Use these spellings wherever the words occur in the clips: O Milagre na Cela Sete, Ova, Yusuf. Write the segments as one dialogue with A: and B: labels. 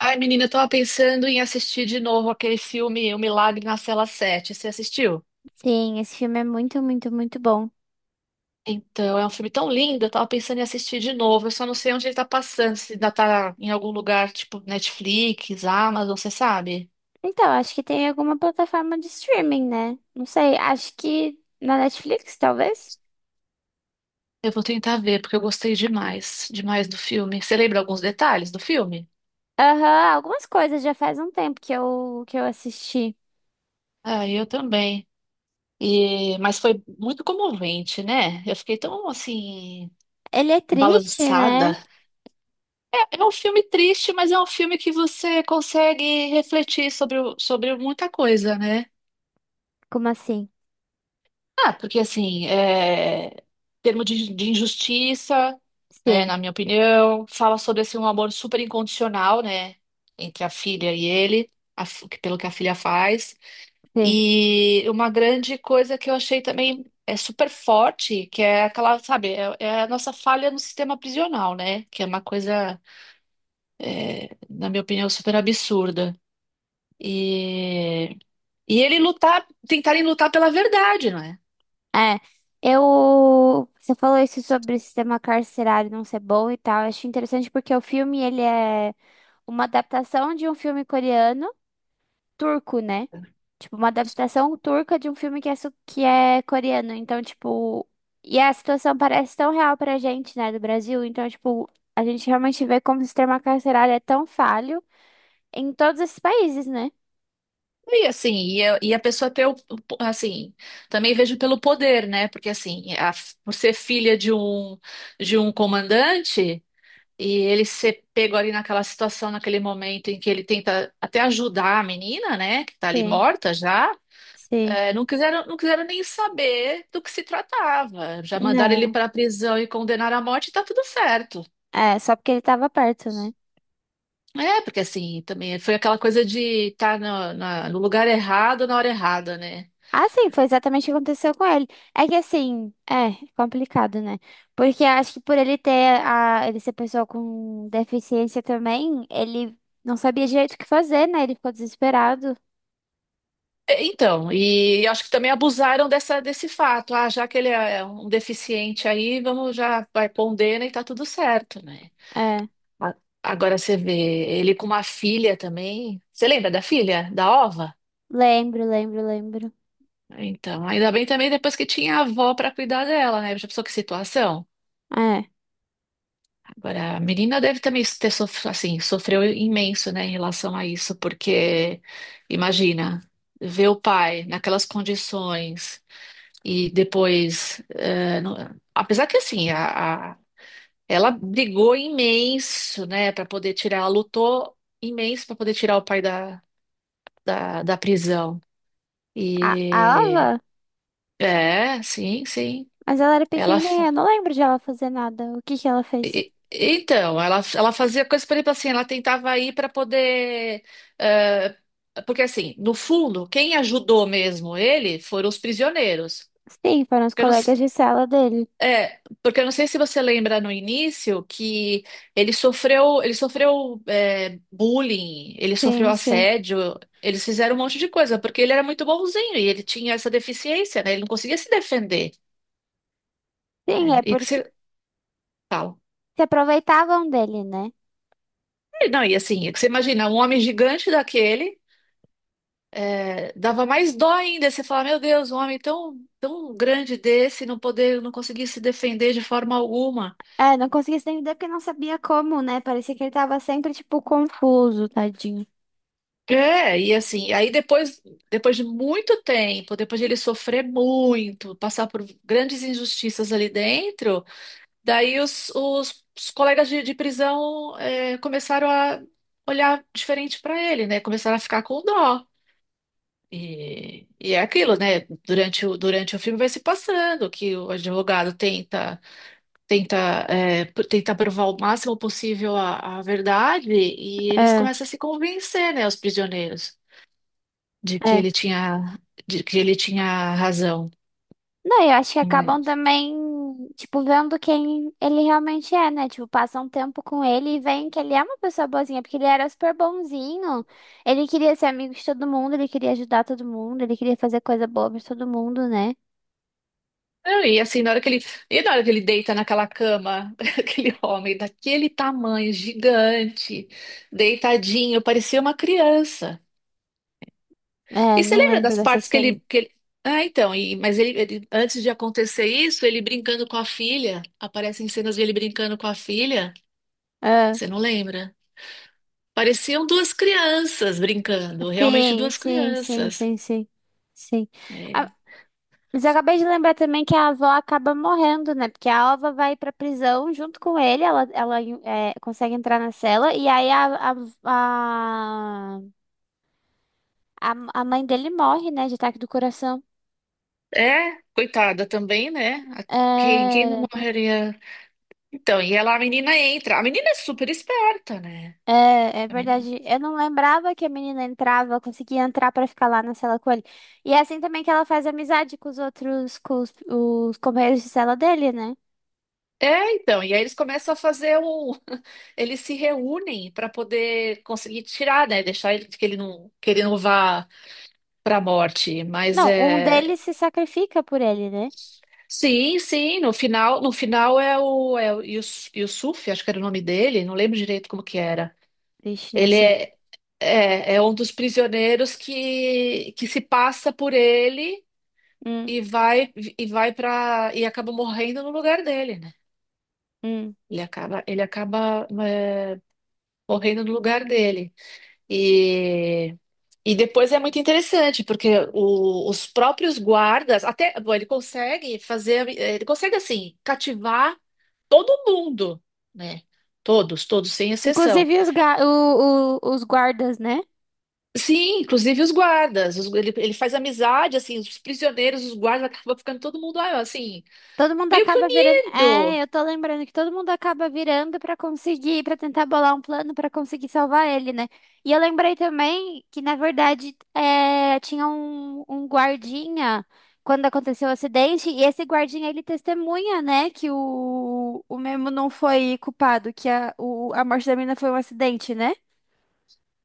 A: Ai, menina, eu tava pensando em assistir de novo aquele filme O Milagre na Cela Sete. Você assistiu?
B: Sim, esse filme é muito, muito, muito bom.
A: Então, é um filme tão lindo, eu tava pensando em assistir de novo. Eu só não sei onde ele tá passando, se ainda tá em algum lugar, tipo Netflix, Amazon, você sabe?
B: Então, acho que tem alguma plataforma de streaming, né? Não sei, acho que na Netflix, talvez?
A: Eu vou tentar ver, porque eu gostei demais, demais do filme. Você lembra alguns detalhes do filme?
B: Aham, algumas coisas já faz um tempo que eu assisti.
A: Ah, eu também. Mas foi muito comovente, né? Eu fiquei tão, assim,
B: Ele é triste,
A: balançada.
B: né?
A: É um filme triste, mas é um filme que você consegue refletir sobre muita coisa, né?
B: Como assim?
A: Ah, porque assim, termo de injustiça, né,
B: Sim,
A: na minha opinião, fala sobre assim, um amor super incondicional, né, entre a filha e ele, pelo que a filha faz.
B: sim.
A: E uma grande coisa que eu achei também é super forte, que é aquela, sabe, é a nossa falha no sistema prisional, né? Que é uma coisa, na minha opinião, super absurda. E, e ele lutar, tentarem lutar pela verdade, não é?
B: É, Você falou isso sobre o sistema carcerário não ser bom e tal. Eu acho interessante porque o filme, ele é uma adaptação de um filme coreano turco, né? Tipo, uma adaptação turca de um filme que é, que é coreano. Então. E a situação parece tão real pra gente, né, do Brasil. Então, tipo, a gente realmente vê como o sistema carcerário é tão falho em todos esses países, né?
A: E assim, e a pessoa ter assim, também vejo pelo poder, né? Porque assim, por ser filha de um comandante e ele ser pego ali naquela situação, naquele momento em que ele tenta até ajudar a menina, né, que tá ali
B: Sim,
A: morta já,
B: sim.
A: não quiseram nem saber do que se tratava. Já mandaram ele
B: Não.
A: para a prisão e condenaram à morte e tá tudo certo.
B: É, só porque ele tava perto, né?
A: É, porque assim, também foi aquela coisa de estar no lugar errado na hora errada, né?
B: Ah, sim, foi exatamente o que aconteceu com ele. É que assim, é complicado, né? Porque eu acho que por ele ter ele ser pessoa com deficiência também, ele não sabia direito o que fazer, né? Ele ficou desesperado.
A: É. Então, e acho que também abusaram dessa, desse fato. Ah, já que ele é um deficiente aí, vamos já, vai pondendo e tá tudo certo, né?
B: É,
A: A- Agora você vê ele com uma filha também. Você lembra da filha, da Ova?
B: lembro, lembro, lembro.
A: Então, ainda bem também depois que tinha a avó para cuidar dela, né? Já pensou que situação?
B: É.
A: Agora, a menina deve também assim, sofreu imenso, né, em relação a isso, porque imagina ver o pai naquelas condições e depois, apesar que assim, ela brigou imenso, né, para poder tirar, ela lutou imenso para poder tirar o pai da prisão.
B: A, a
A: E
B: Ava?
A: é, sim, sim.
B: Mas ela era
A: Ela
B: pequenininha, eu não lembro de ela fazer nada. O que que ela fez?
A: Então, ela fazia coisas, por exemplo, assim, ela tentava ir para poder, eh, porque, assim, no fundo, quem ajudou mesmo ele foram os prisioneiros.
B: Sim, foram os
A: Porque eu não, se-
B: colegas de sala dele.
A: é, porque eu não sei se você lembra no início que ele sofreu, bullying, ele sofreu
B: Sim, sim.
A: assédio, eles fizeram um monte de coisa, porque ele era muito bonzinho e ele tinha essa deficiência, né? Ele não conseguia se defender.
B: Sim,
A: Né?
B: é
A: E que
B: porque
A: você fala.
B: se aproveitavam dele, né?
A: Não, e assim, é que você imagina um homem gigante daquele. É, dava mais dó ainda você falar, meu Deus, um homem tão, tão grande desse não poder, não conseguir se defender de forma alguma.
B: É, não conseguia se entender porque não sabia como, né? Parecia que ele tava sempre, tipo, confuso, tadinho.
A: É, e assim, aí depois, depois de muito tempo, depois de ele sofrer muito, passar por grandes injustiças ali dentro, daí os colegas de prisão é, começaram a olhar diferente para ele, né? Começaram a ficar com dó. E é aquilo, né? Durante o filme vai se passando que o advogado tenta, é, tenta provar o máximo possível a verdade e eles
B: É,
A: começam a se convencer, né, os prisioneiros, de que
B: é.
A: ele tinha, de que ele tinha razão.
B: Não, eu acho que acabam
A: Mas-
B: também, tipo, vendo quem ele realmente é, né? Tipo, passam um tempo com ele e veem que ele é uma pessoa boazinha, porque ele era super bonzinho. Ele queria ser amigo de todo mundo, ele queria ajudar todo mundo, ele queria fazer coisa boa pra todo mundo, né?
A: Não, e assim, na hora que ele, e na hora que ele deita naquela cama, aquele homem daquele tamanho, gigante, deitadinho, parecia uma criança. E
B: É,
A: você
B: não
A: lembra
B: lembro
A: das
B: dessa
A: partes
B: cena.
A: que ele... Ah, então, e, mas antes de acontecer isso, ele brincando com a filha, aparecem cenas dele brincando com a filha.
B: É.
A: Você não lembra? Pareciam duas crianças brincando, realmente
B: Sim,
A: duas
B: sim, sim,
A: crianças.
B: sim, sim. Sim.
A: É,
B: Mas eu acabei de lembrar também que a avó acaba morrendo, né? Porque a Alva vai pra prisão junto com ele, ela é, consegue entrar na cela, e aí a, a, a mãe dele morre, né? De ataque do coração.
A: é, coitada também, né? Quem, quem não
B: É,
A: morreria? Então, e ela, a menina entra. A menina é super esperta, né?
B: é
A: A menina-
B: verdade. Eu não lembrava que a menina entrava, conseguia entrar pra ficar lá na cela com ele. E é assim também que ela faz amizade com os outros, com os companheiros de cela dele, né?
A: É, então, e aí eles começam a fazer um. Eles se reúnem para poder conseguir tirar, né? Deixar ele que ele não vá para a morte. Mas
B: Não, um
A: é.
B: deles se sacrifica por ele, né?
A: Sim, sim, no final, no final Yusuf, acho que era o nome dele, não lembro direito como que era.
B: Vixe, não
A: Ele
B: sei.
A: é, é um dos prisioneiros que se passa por ele
B: Hum,
A: e vai e vai para e acaba morrendo no lugar dele, né?
B: hum.
A: Ele acaba, morrendo no lugar dele. E, e depois é muito interessante, porque os próprios guardas, até, bom, ele consegue fazer, ele consegue, assim, cativar todo mundo, né? Todos, todos, sem exceção.
B: Inclusive os, ga- o- os guardas, né?
A: Sim, inclusive os guardas. Ele, ele faz amizade, assim, os prisioneiros, os guardas, acaba ficando todo mundo, ah, assim,
B: Todo mundo
A: meio que
B: acaba virando.
A: unido.
B: É, eu tô lembrando que todo mundo acaba virando pra conseguir, pra tentar bolar um plano pra conseguir salvar ele, né? E eu lembrei também que, na verdade, é, tinha um guardinha quando aconteceu o acidente, e esse guardinha ele testemunha, né, que o Memo não foi culpado, que a morte da menina foi um acidente, né?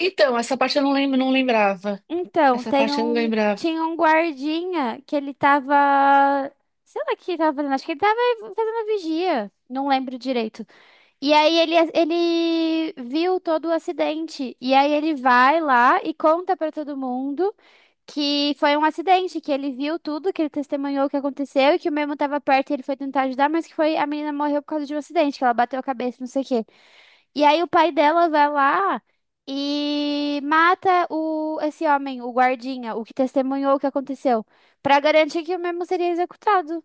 A: Então, essa parte eu não lembro, não lembrava.
B: Então,
A: Essa parte eu não lembrava.
B: tinha um guardinha que ele tava. Sei lá o que ele tava fazendo, acho que ele tava fazendo vigia, não lembro direito. E aí ele viu todo o acidente. E aí ele vai lá e conta pra todo mundo que foi um acidente, que ele viu tudo, que ele testemunhou o que aconteceu e que o mesmo tava perto e ele foi tentar ajudar, mas que foi a menina morreu por causa de um acidente, que ela bateu a cabeça, não sei o quê. E aí o pai dela vai lá e mata o esse homem, o guardinha, o que testemunhou o que aconteceu, pra garantir que o mesmo seria executado.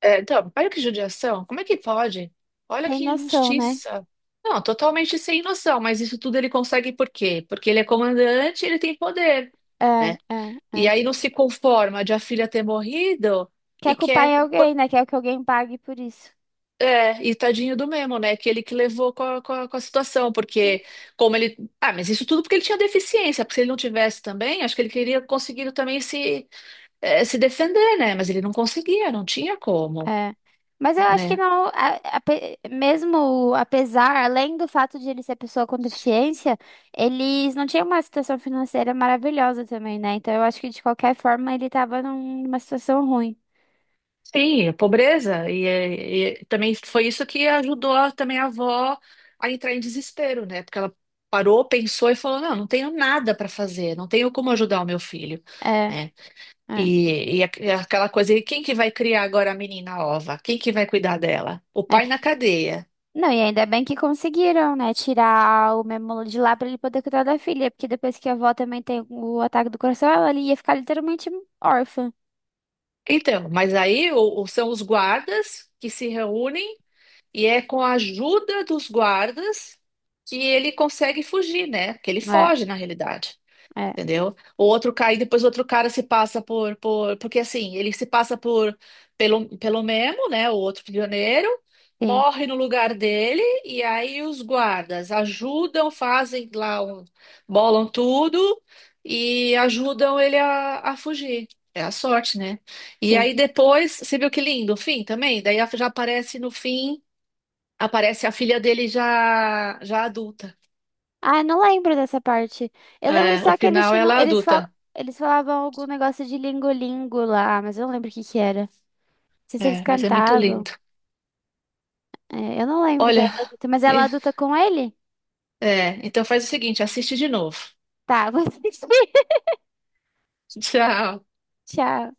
A: É, então, olha que judiação. Como é que pode? Olha
B: Sem
A: que
B: noção, né?
A: injustiça. Não, totalmente sem noção, mas isso tudo ele consegue por quê? Porque ele é comandante, ele tem poder,
B: É,
A: né?
B: é,
A: E
B: é.
A: aí não se conforma de a filha ter morrido e
B: Quer culpar
A: quer.
B: em
A: Pô,
B: alguém, né? Quer que alguém pague por isso.
A: é, e tadinho do mesmo, né? Que ele que levou com a situação, porque como ele. Ah, mas isso tudo porque ele tinha deficiência, porque se ele não tivesse também, acho que ele queria conseguido também se, se defender, né? Mas ele não conseguia, não tinha como,
B: É. Mas eu acho que
A: né?
B: não, mesmo apesar, além do fato de ele ser pessoa com deficiência, eles não tinham uma situação financeira maravilhosa também, né? Então eu acho que de qualquer forma ele tava numa situação ruim.
A: Sim, a pobreza. E, e também foi isso que ajudou também a avó a entrar em desespero, né? Porque ela parou, pensou e falou: não, não tenho nada para fazer, não tenho como ajudar o meu filho,
B: É,
A: né?
B: é.
A: E, e aquela coisa, e quem que vai criar agora a menina Ova? Quem que vai cuidar dela? O
B: é.
A: pai na cadeia.
B: Não, e ainda bem que conseguiram, né? Tirar o Memolo de lá pra ele poder cuidar da filha, porque depois que a avó também tem o ataque do coração, ela ali ia ficar literalmente órfã.
A: Então, mas aí são os guardas que se reúnem e é com a ajuda dos guardas que ele consegue fugir, né? Que ele
B: É,
A: foge, na realidade.
B: é,
A: Entendeu? O outro cai, depois o outro cara se passa porque assim, ele se passa por pelo Memo, né? O outro prisioneiro,
B: sim,
A: morre no lugar dele, e aí os guardas ajudam, fazem lá um, bolam tudo e ajudam ele a fugir. É a sorte, né? E
B: sim.
A: aí depois, você viu que lindo, o fim também? Daí já aparece no fim, aparece a filha dele já, já adulta.
B: Ah, eu não lembro dessa parte. Eu lembro
A: É, o
B: só que
A: final ela é adulta.
B: eles falavam algum negócio de lingolingo lá, mas eu não lembro o que que era. Não sei se eles
A: É, mas é muito
B: cantavam.
A: lindo.
B: É, eu não lembro dela
A: Olha,
B: adulta, mas ela
A: e-
B: adulta com ele?
A: é, então faz o seguinte, assiste de novo.
B: Tá, vou assistir.
A: Tchau.
B: Tchau.